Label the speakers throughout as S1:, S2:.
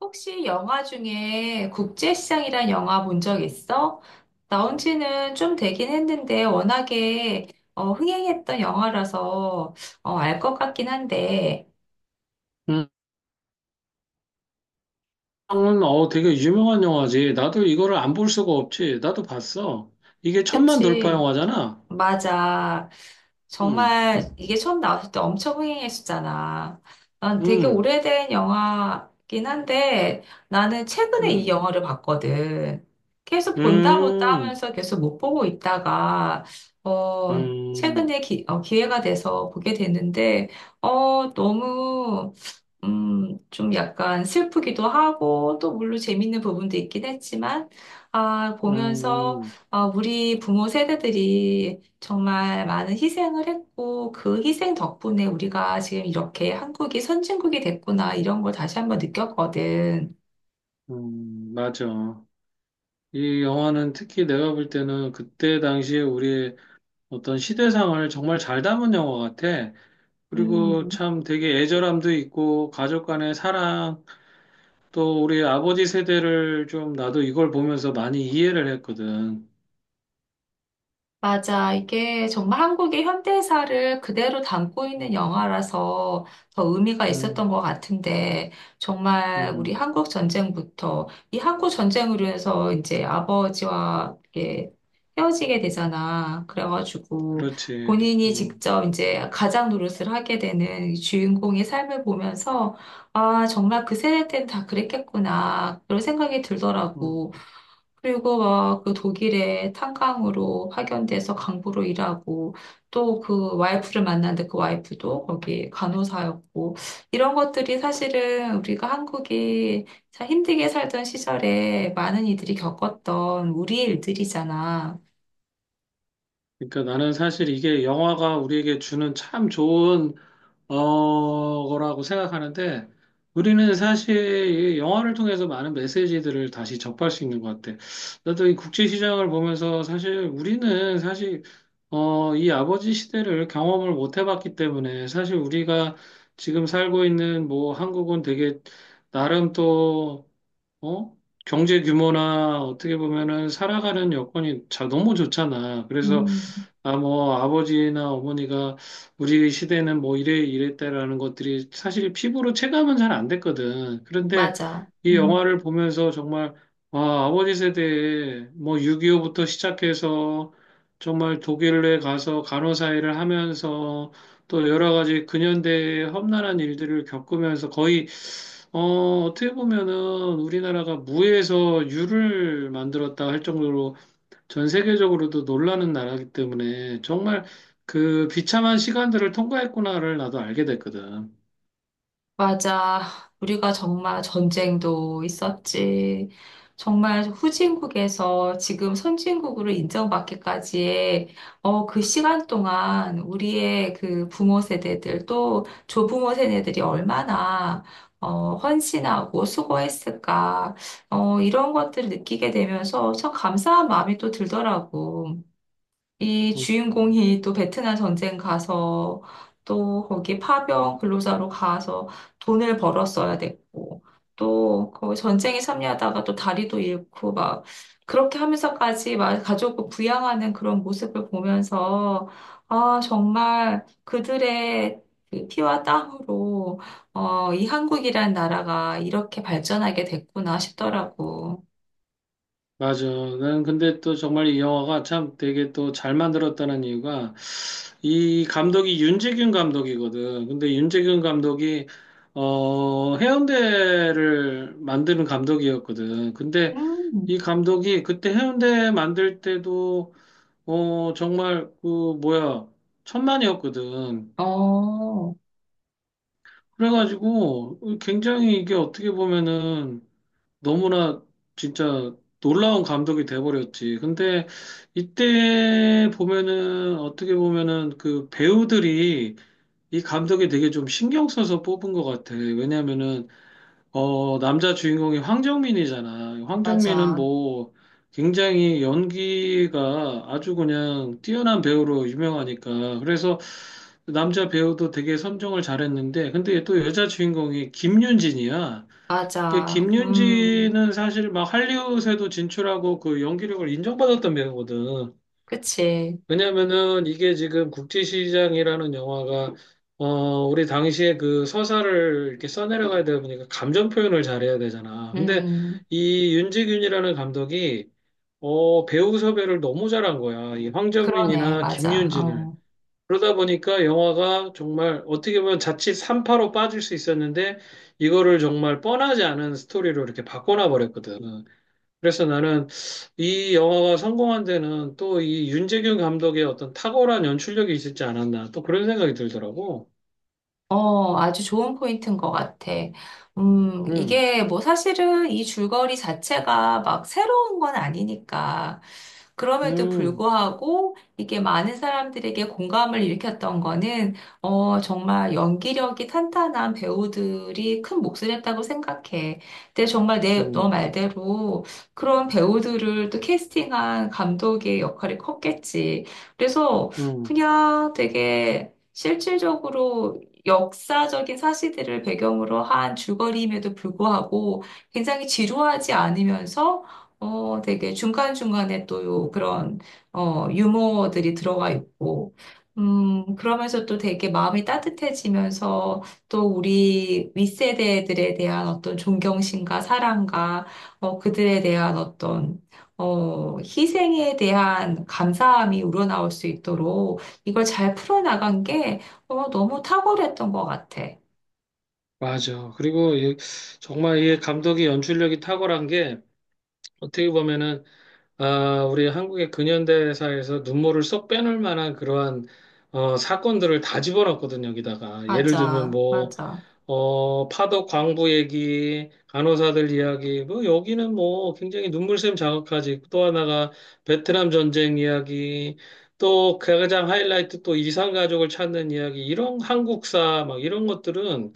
S1: 혹시 영화 중에 국제시장이란 영화 본 적 있어? 나온 지는 좀 되긴 했는데 워낙에 흥행했던 영화라서 알것 같긴 한데,
S2: 음, 되게 유명한 영화지. 나도 이거를 안 볼 수가 없지. 나도 봤어. 이게 천만 돌파
S1: 그치?
S2: 영화잖아.
S1: 맞아.
S2: 음.
S1: 정말 이게 처음 나왔을 때 엄청 흥행했었잖아. 난 되게
S2: 음.
S1: 오래된 영화긴 한데 나는 최근에 이
S2: 음.
S1: 영화를 봤거든. 계속 본다 본다
S2: 음.
S1: 하면서 계속 못 보고 있다가
S2: 음.
S1: 최근에 기회가 돼서 보게 됐는데 너무 좀 약간 슬프기도 하고, 또 물론 재밌는 부분도 있긴 했지만, 아, 보면서,
S2: 음.
S1: 아, 우리 부모 세대들이 정말 많은 희생을 했고, 그 희생 덕분에 우리가 지금 이렇게 한국이 선진국이 됐구나, 이런 걸 다시 한번 느꼈거든.
S2: 음. 맞아. 이 영화는 특히 내가 볼 때는 그때 당시에 우리의 어떤 시대상을 정말 잘 담은 영화 같아. 그리고
S1: 음.
S2: 참 되게 애절함도 있고, 가족 간의 사랑, 또 우리 아버지 세대를 좀 나도 이걸 보면서 많이 이해를 했거든.
S1: 맞아. 이게 정말 한국의 현대사를 그대로 담고 있는 영화라서 더 의미가 있었던
S2: 음.
S1: 것 같은데, 정말 우리
S2: 음.
S1: 한국 전쟁부터, 이 한국 전쟁으로 해서 이제 아버지와 이렇게 헤어지게 되잖아. 그래가지고
S2: 그렇지.
S1: 본인이
S2: 음.
S1: 직접 이제 가장 노릇을 하게 되는 이 주인공의 삶을 보면서, 아, 정말 그 세대 때는 다 그랬겠구나. 그런 생각이
S2: 음.
S1: 들더라고. 그리고 막 그 독일에 탄광으로 파견돼서 강부로 일하고 또 그 와이프를 만났는데 그 와이프도 거기 간호사였고 이런 것들이 사실은 우리가 한국이 참 힘들게 살던 시절에 많은 이들이 겪었던 우리 일들이잖아.
S2: 그러니까 나는 사실 이게 영화가 우리에게 주는 참 좋은 거라고 생각하는데 우리는 사실 이 영화를 통해서 많은 메시지들을 다시 접할 수 있는 것 같아. 나도 이 국제 시장을 보면서 사실 우리는 사실 이 아버지 시대를 경험을 못 해봤기 때문에 사실 우리가 지금 살고 있는 뭐 한국은 되게 나름 또 어? 경제 규모나 어떻게 보면은 살아가는 여건이 자, 너무 좋잖아. 그래서
S1: 음.
S2: 아, 뭐, 아버지나 어머니가 우리 시대는 뭐 이래 이랬다라는 것들이 사실 피부로 체감은 잘 안 됐거든. 그런데
S1: 맞아.
S2: 이
S1: 음.
S2: 영화를 보면서 정말, 와, 아버지 세대에 뭐 6.25부터 시작해서 정말 독일에 가서 간호사 일을 하면서 또 여러 가지 근현대의 험난한 일들을 겪으면서 거의, 어떻게 보면은 우리나라가 무에서 유를 만들었다 할 정도로 전 세계적으로도 놀라는 나라이기 때문에 정말 그 비참한 시간들을 통과했구나를 나도 알게 됐거든.
S1: 맞아. 우리가 정말 전쟁도 있었지. 정말 후진국에서 지금 선진국으로 인정받기까지의 그 시간 동안 우리의 그 부모 세대들 또 조부모 세대들이 얼마나 헌신하고 수고했을까. 이런 것들을 느끼게 되면서 참 감사한 마음이 또 들더라고. 이
S2: 음.
S1: 주인공이 또 베트남 전쟁 가서 또 거기 파병 근로자로 가서 돈을 벌었어야 됐고 또 거기 전쟁에 참여하다가 또 다리도 잃고 막 그렇게 하면서까지 막 가족을 부양하는 그런 모습을 보면서 아 정말 그들의 그 피와 땀으로 이 한국이란 나라가 이렇게 발전하게 됐구나 싶더라고.
S2: 맞아. 난 근데 또 정말 이 영화가 참 되게 또 잘 만들었다는 이유가 이 감독이 윤재균 감독이거든. 근데 윤재균 감독이 해운대를 만드는 감독이었거든. 근데
S1: 음.
S2: 이 감독이 그때 해운대 만들 때도 정말 그 뭐야 천만이었거든.
S1: 어,
S2: 그래가지고 굉장히 이게 어떻게 보면은 너무나 진짜 놀라운 감독이 돼버렸지. 근데 이때 보면은 어떻게 보면은 그 배우들이 이 감독이 되게 좀 신경 써서 뽑은 것 같아. 왜냐면은 남자 주인공이 황정민이잖아. 황정민은
S1: 맞아.
S2: 뭐 굉장히 연기가 아주 그냥 뛰어난 배우로 유명하니까. 그래서 남자 배우도 되게 선정을 잘했는데, 근데 또 여자 주인공이 김윤진이야. 그
S1: 맞아.
S2: 김윤진은 사실 막 할리우드에도 진출하고 그 연기력을 인정받았던 배우거든.
S1: 그치.
S2: 왜냐면은 이게 지금 국제시장이라는 영화가 어 우리 당시에 그 서사를 이렇게 써내려가야 되다 보니까 감정 표현을 잘해야 되잖아. 근데
S1: 음,
S2: 이 윤지균이라는 감독이 배우 섭외를 너무 잘한 거야. 이
S1: 그러네.
S2: 황정민이나
S1: 맞아.
S2: 김윤진을.
S1: 어.
S2: 그러다 보니까 영화가 정말 어떻게 보면 자칫 삼파로 빠질 수 있었는데 이거를 정말 뻔하지 않은 스토리로 이렇게 바꿔놔 버렸거든. 그래서 나는 이 영화가 성공한 데는 또 이 윤재균 감독의 어떤 탁월한 연출력이 있었지 않았나. 또 그런 생각이 들더라고.
S1: 어, 아주 좋은 포인트인 것 같아.
S2: 음.
S1: 이게 뭐 사실은 이 줄거리 자체가 막 새로운 건 아니니까. 그럼에도
S2: 음.
S1: 불구하고 이게 많은 사람들에게 공감을 일으켰던 거는, 어, 정말 연기력이 탄탄한 배우들이 큰 몫을 했다고 생각해. 근데 정말 너
S2: 음.
S1: 말대로 그런 배우들을 또 캐스팅한 감독의 역할이 컸겠지. 그래서
S2: 음.
S1: 그냥 되게 실질적으로 역사적인 사실들을 배경으로 한 줄거리임에도 불구하고 굉장히 지루하지 않으면서 되게 중간중간에 또 그런 유머들이 들어가 있고 그러면서 또 되게 마음이 따뜻해지면서 또 우리 윗세대들에 대한 어떤 존경심과 사랑과 어, 그들에 대한 어떤 희생에 대한 감사함이 우러나올 수 있도록 이걸 잘 풀어나간 게 너무 탁월했던 것 같아.
S2: 맞아. 그리고 정말 이 감독의 연출력이 탁월한 게 어떻게 보면은, 아, 우리 한국의 근현대사에서 눈물을 쏙 빼놓을 만한 그러한, 사건들을 다 집어넣었거든, 여기다가. 예를 들면
S1: 맞아,
S2: 뭐,
S1: 맞아,
S2: 파독 광부 얘기, 간호사들 이야기, 뭐, 여기는 뭐, 굉장히 눈물샘 자극하지. 또 하나가 베트남 전쟁 이야기, 또 가장 하이라이트 또 이산 가족을 찾는 이야기, 이런 한국사, 막 이런 것들은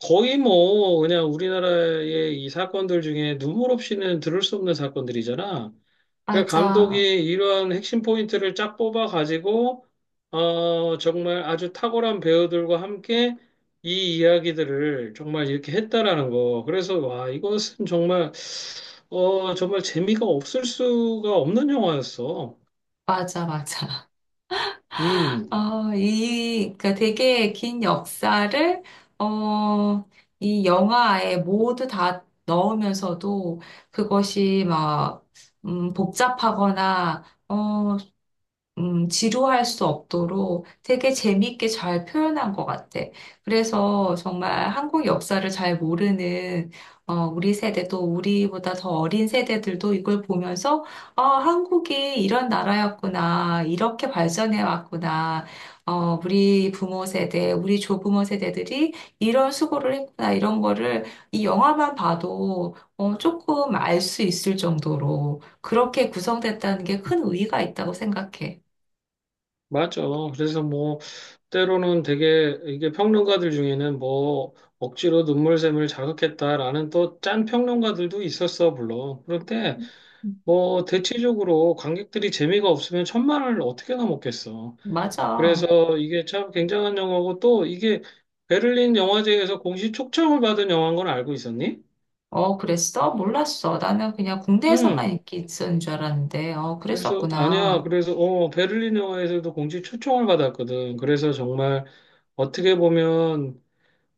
S2: 거의 뭐, 그냥 우리나라의 이 사건들 중에 눈물 없이는 들을 수 없는 사건들이잖아. 그러니까 감독이
S1: 맞아,
S2: 이러한 핵심 포인트를 쫙 뽑아가지고, 정말 아주 탁월한 배우들과 함께 이 이야기들을 정말 이렇게 했다라는 거. 그래서, 와, 이것은 정말, 정말 재미가 없을 수가 없는 영화였어.
S1: 맞아, 맞아.
S2: 음.
S1: 어, 이, 그러니까 되게 긴 역사를, 어, 이 영화에 모두 다 넣으면서도 그것이 막, 복잡하거나, 어, 지루할 수 없도록 되게 재밌게 잘 표현한 것 같아. 그래서 정말 한국 역사를 잘 모르는 우리 세대도 우리보다 더 어린 세대들도 이걸 보면서 아, 한국이 이런 나라였구나, 이렇게 발전해 왔구나, 어, 우리 부모 세대, 우리 조부모 세대들이 이런 수고를 했구나, 이런 거를 이 영화만 봐도 어, 조금 알 수 있을 정도로 그렇게 구성됐다는 게 큰 의의가 있다고 생각해.
S2: 맞죠. 그래서 뭐, 때로는 되게, 이게 평론가들 중에는 뭐, 억지로 눈물샘을 자극했다라는 또 짠 평론가들도 있었어, 물론. 그런데, 뭐, 대체적으로 관객들이 재미가 없으면 천만을 어떻게나 먹겠어.
S1: 맞아.
S2: 그래서 이게 참 굉장한 영화고 또 이게 베를린 영화제에서 공식 초청을 받은 영화인 건 알고 있었니?
S1: 어, 그랬어? 몰랐어. 나는 그냥 군대에서만
S2: 음.
S1: 인기 있었는 줄 알았는데, 어,
S2: 그래서, 아니야.
S1: 그랬었구나.
S2: 그래서, 베를린 영화제에서도 공식 초청을 받았거든. 그래서 정말 어떻게 보면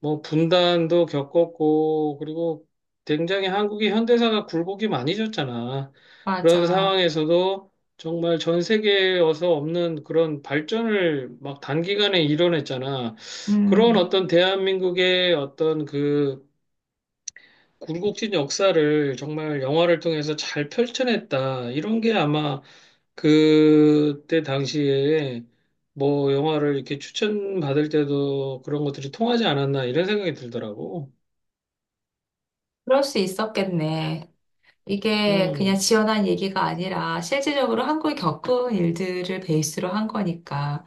S2: 뭐 분단도 겪었고 그리고 굉장히 한국이 현대사가 굴곡이 많이 졌잖아. 그런
S1: 맞아.
S2: 상황에서도 정말 전 세계에서 없는 그런 발전을 막 단기간에 이뤄냈잖아. 그런
S1: 음,
S2: 어떤 대한민국의 어떤 그 굴곡진 역사를 정말 영화를 통해서 잘 펼쳐냈다. 이런 게 아마 그때 당시에 뭐 영화를 이렇게 추천받을 때도 그런 것들이 통하지 않았나 이런 생각이 들더라고.
S1: 그럴 수 있었겠네. 이게 그냥
S2: 음.
S1: 지어낸 얘기가 아니라 실질적으로 한국이 겪은 일들을 베이스로 한 거니까.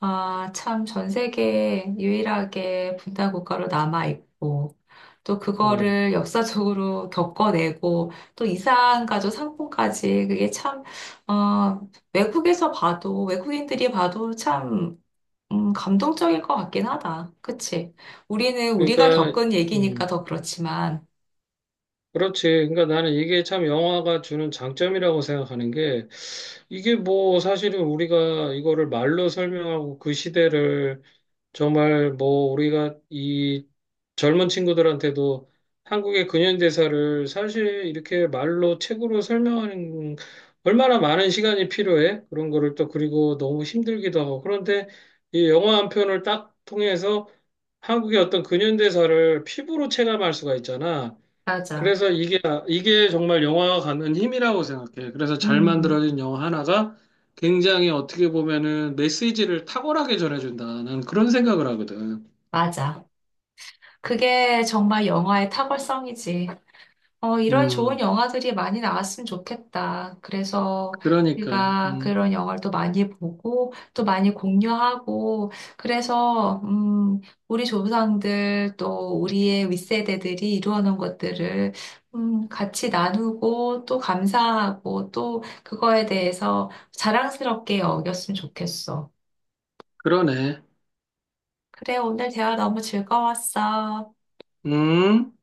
S1: 아, 참, 전 세계 유일하게 분단 국가로 남아있고, 또
S2: 음.
S1: 그거를 역사적으로 겪어내고, 또 이산가족 상봉까지, 그게 참, 어, 외국에서 봐도, 외국인들이 봐도 참, 감동적일 것 같긴 하다. 그치? 우리는 우리가
S2: 그러니까,
S1: 겪은 얘기니까
S2: 음,
S1: 더 그렇지만.
S2: 그렇지. 그러니까 나는 이게 참 영화가 주는 장점이라고 생각하는 게 이게 뭐 사실은 우리가 이거를 말로 설명하고 그 시대를 정말 뭐 우리가 이 젊은 친구들한테도 한국의 근현대사를 사실 이렇게 말로 책으로 설명하는 얼마나 많은 시간이 필요해. 그런 거를 또 그리고 너무 힘들기도 하고. 그런데 이 영화 한 편을 딱 통해서 한국의 어떤 근현대사를 피부로 체감할 수가 있잖아.
S1: 맞아.
S2: 그래서 이게 정말 영화가 갖는 힘이라고 생각해. 그래서 잘
S1: 음,
S2: 만들어진 영화 하나가 굉장히 어떻게 보면은 메시지를 탁월하게 전해준다. 난 그런 생각을 하거든.
S1: 맞아. 그게 정말 영화의 탁월성이지. 어, 이런 좋은
S2: 음,
S1: 영화들이 많이 나왔으면 좋겠다. 그래서
S2: 그러니까,
S1: 우리가
S2: 음,
S1: 그런 영화를 또 많이 보고, 또 많이 공유하고, 그래서, 우리 조상들 또 우리의 윗세대들이 이루어놓은 것들을, 같이 나누고, 또 감사하고, 또 그거에 대해서 자랑스럽게 여겼으면 좋겠어.
S2: 그러네.
S1: 그래, 오늘 대화 너무 즐거웠어.
S2: 음.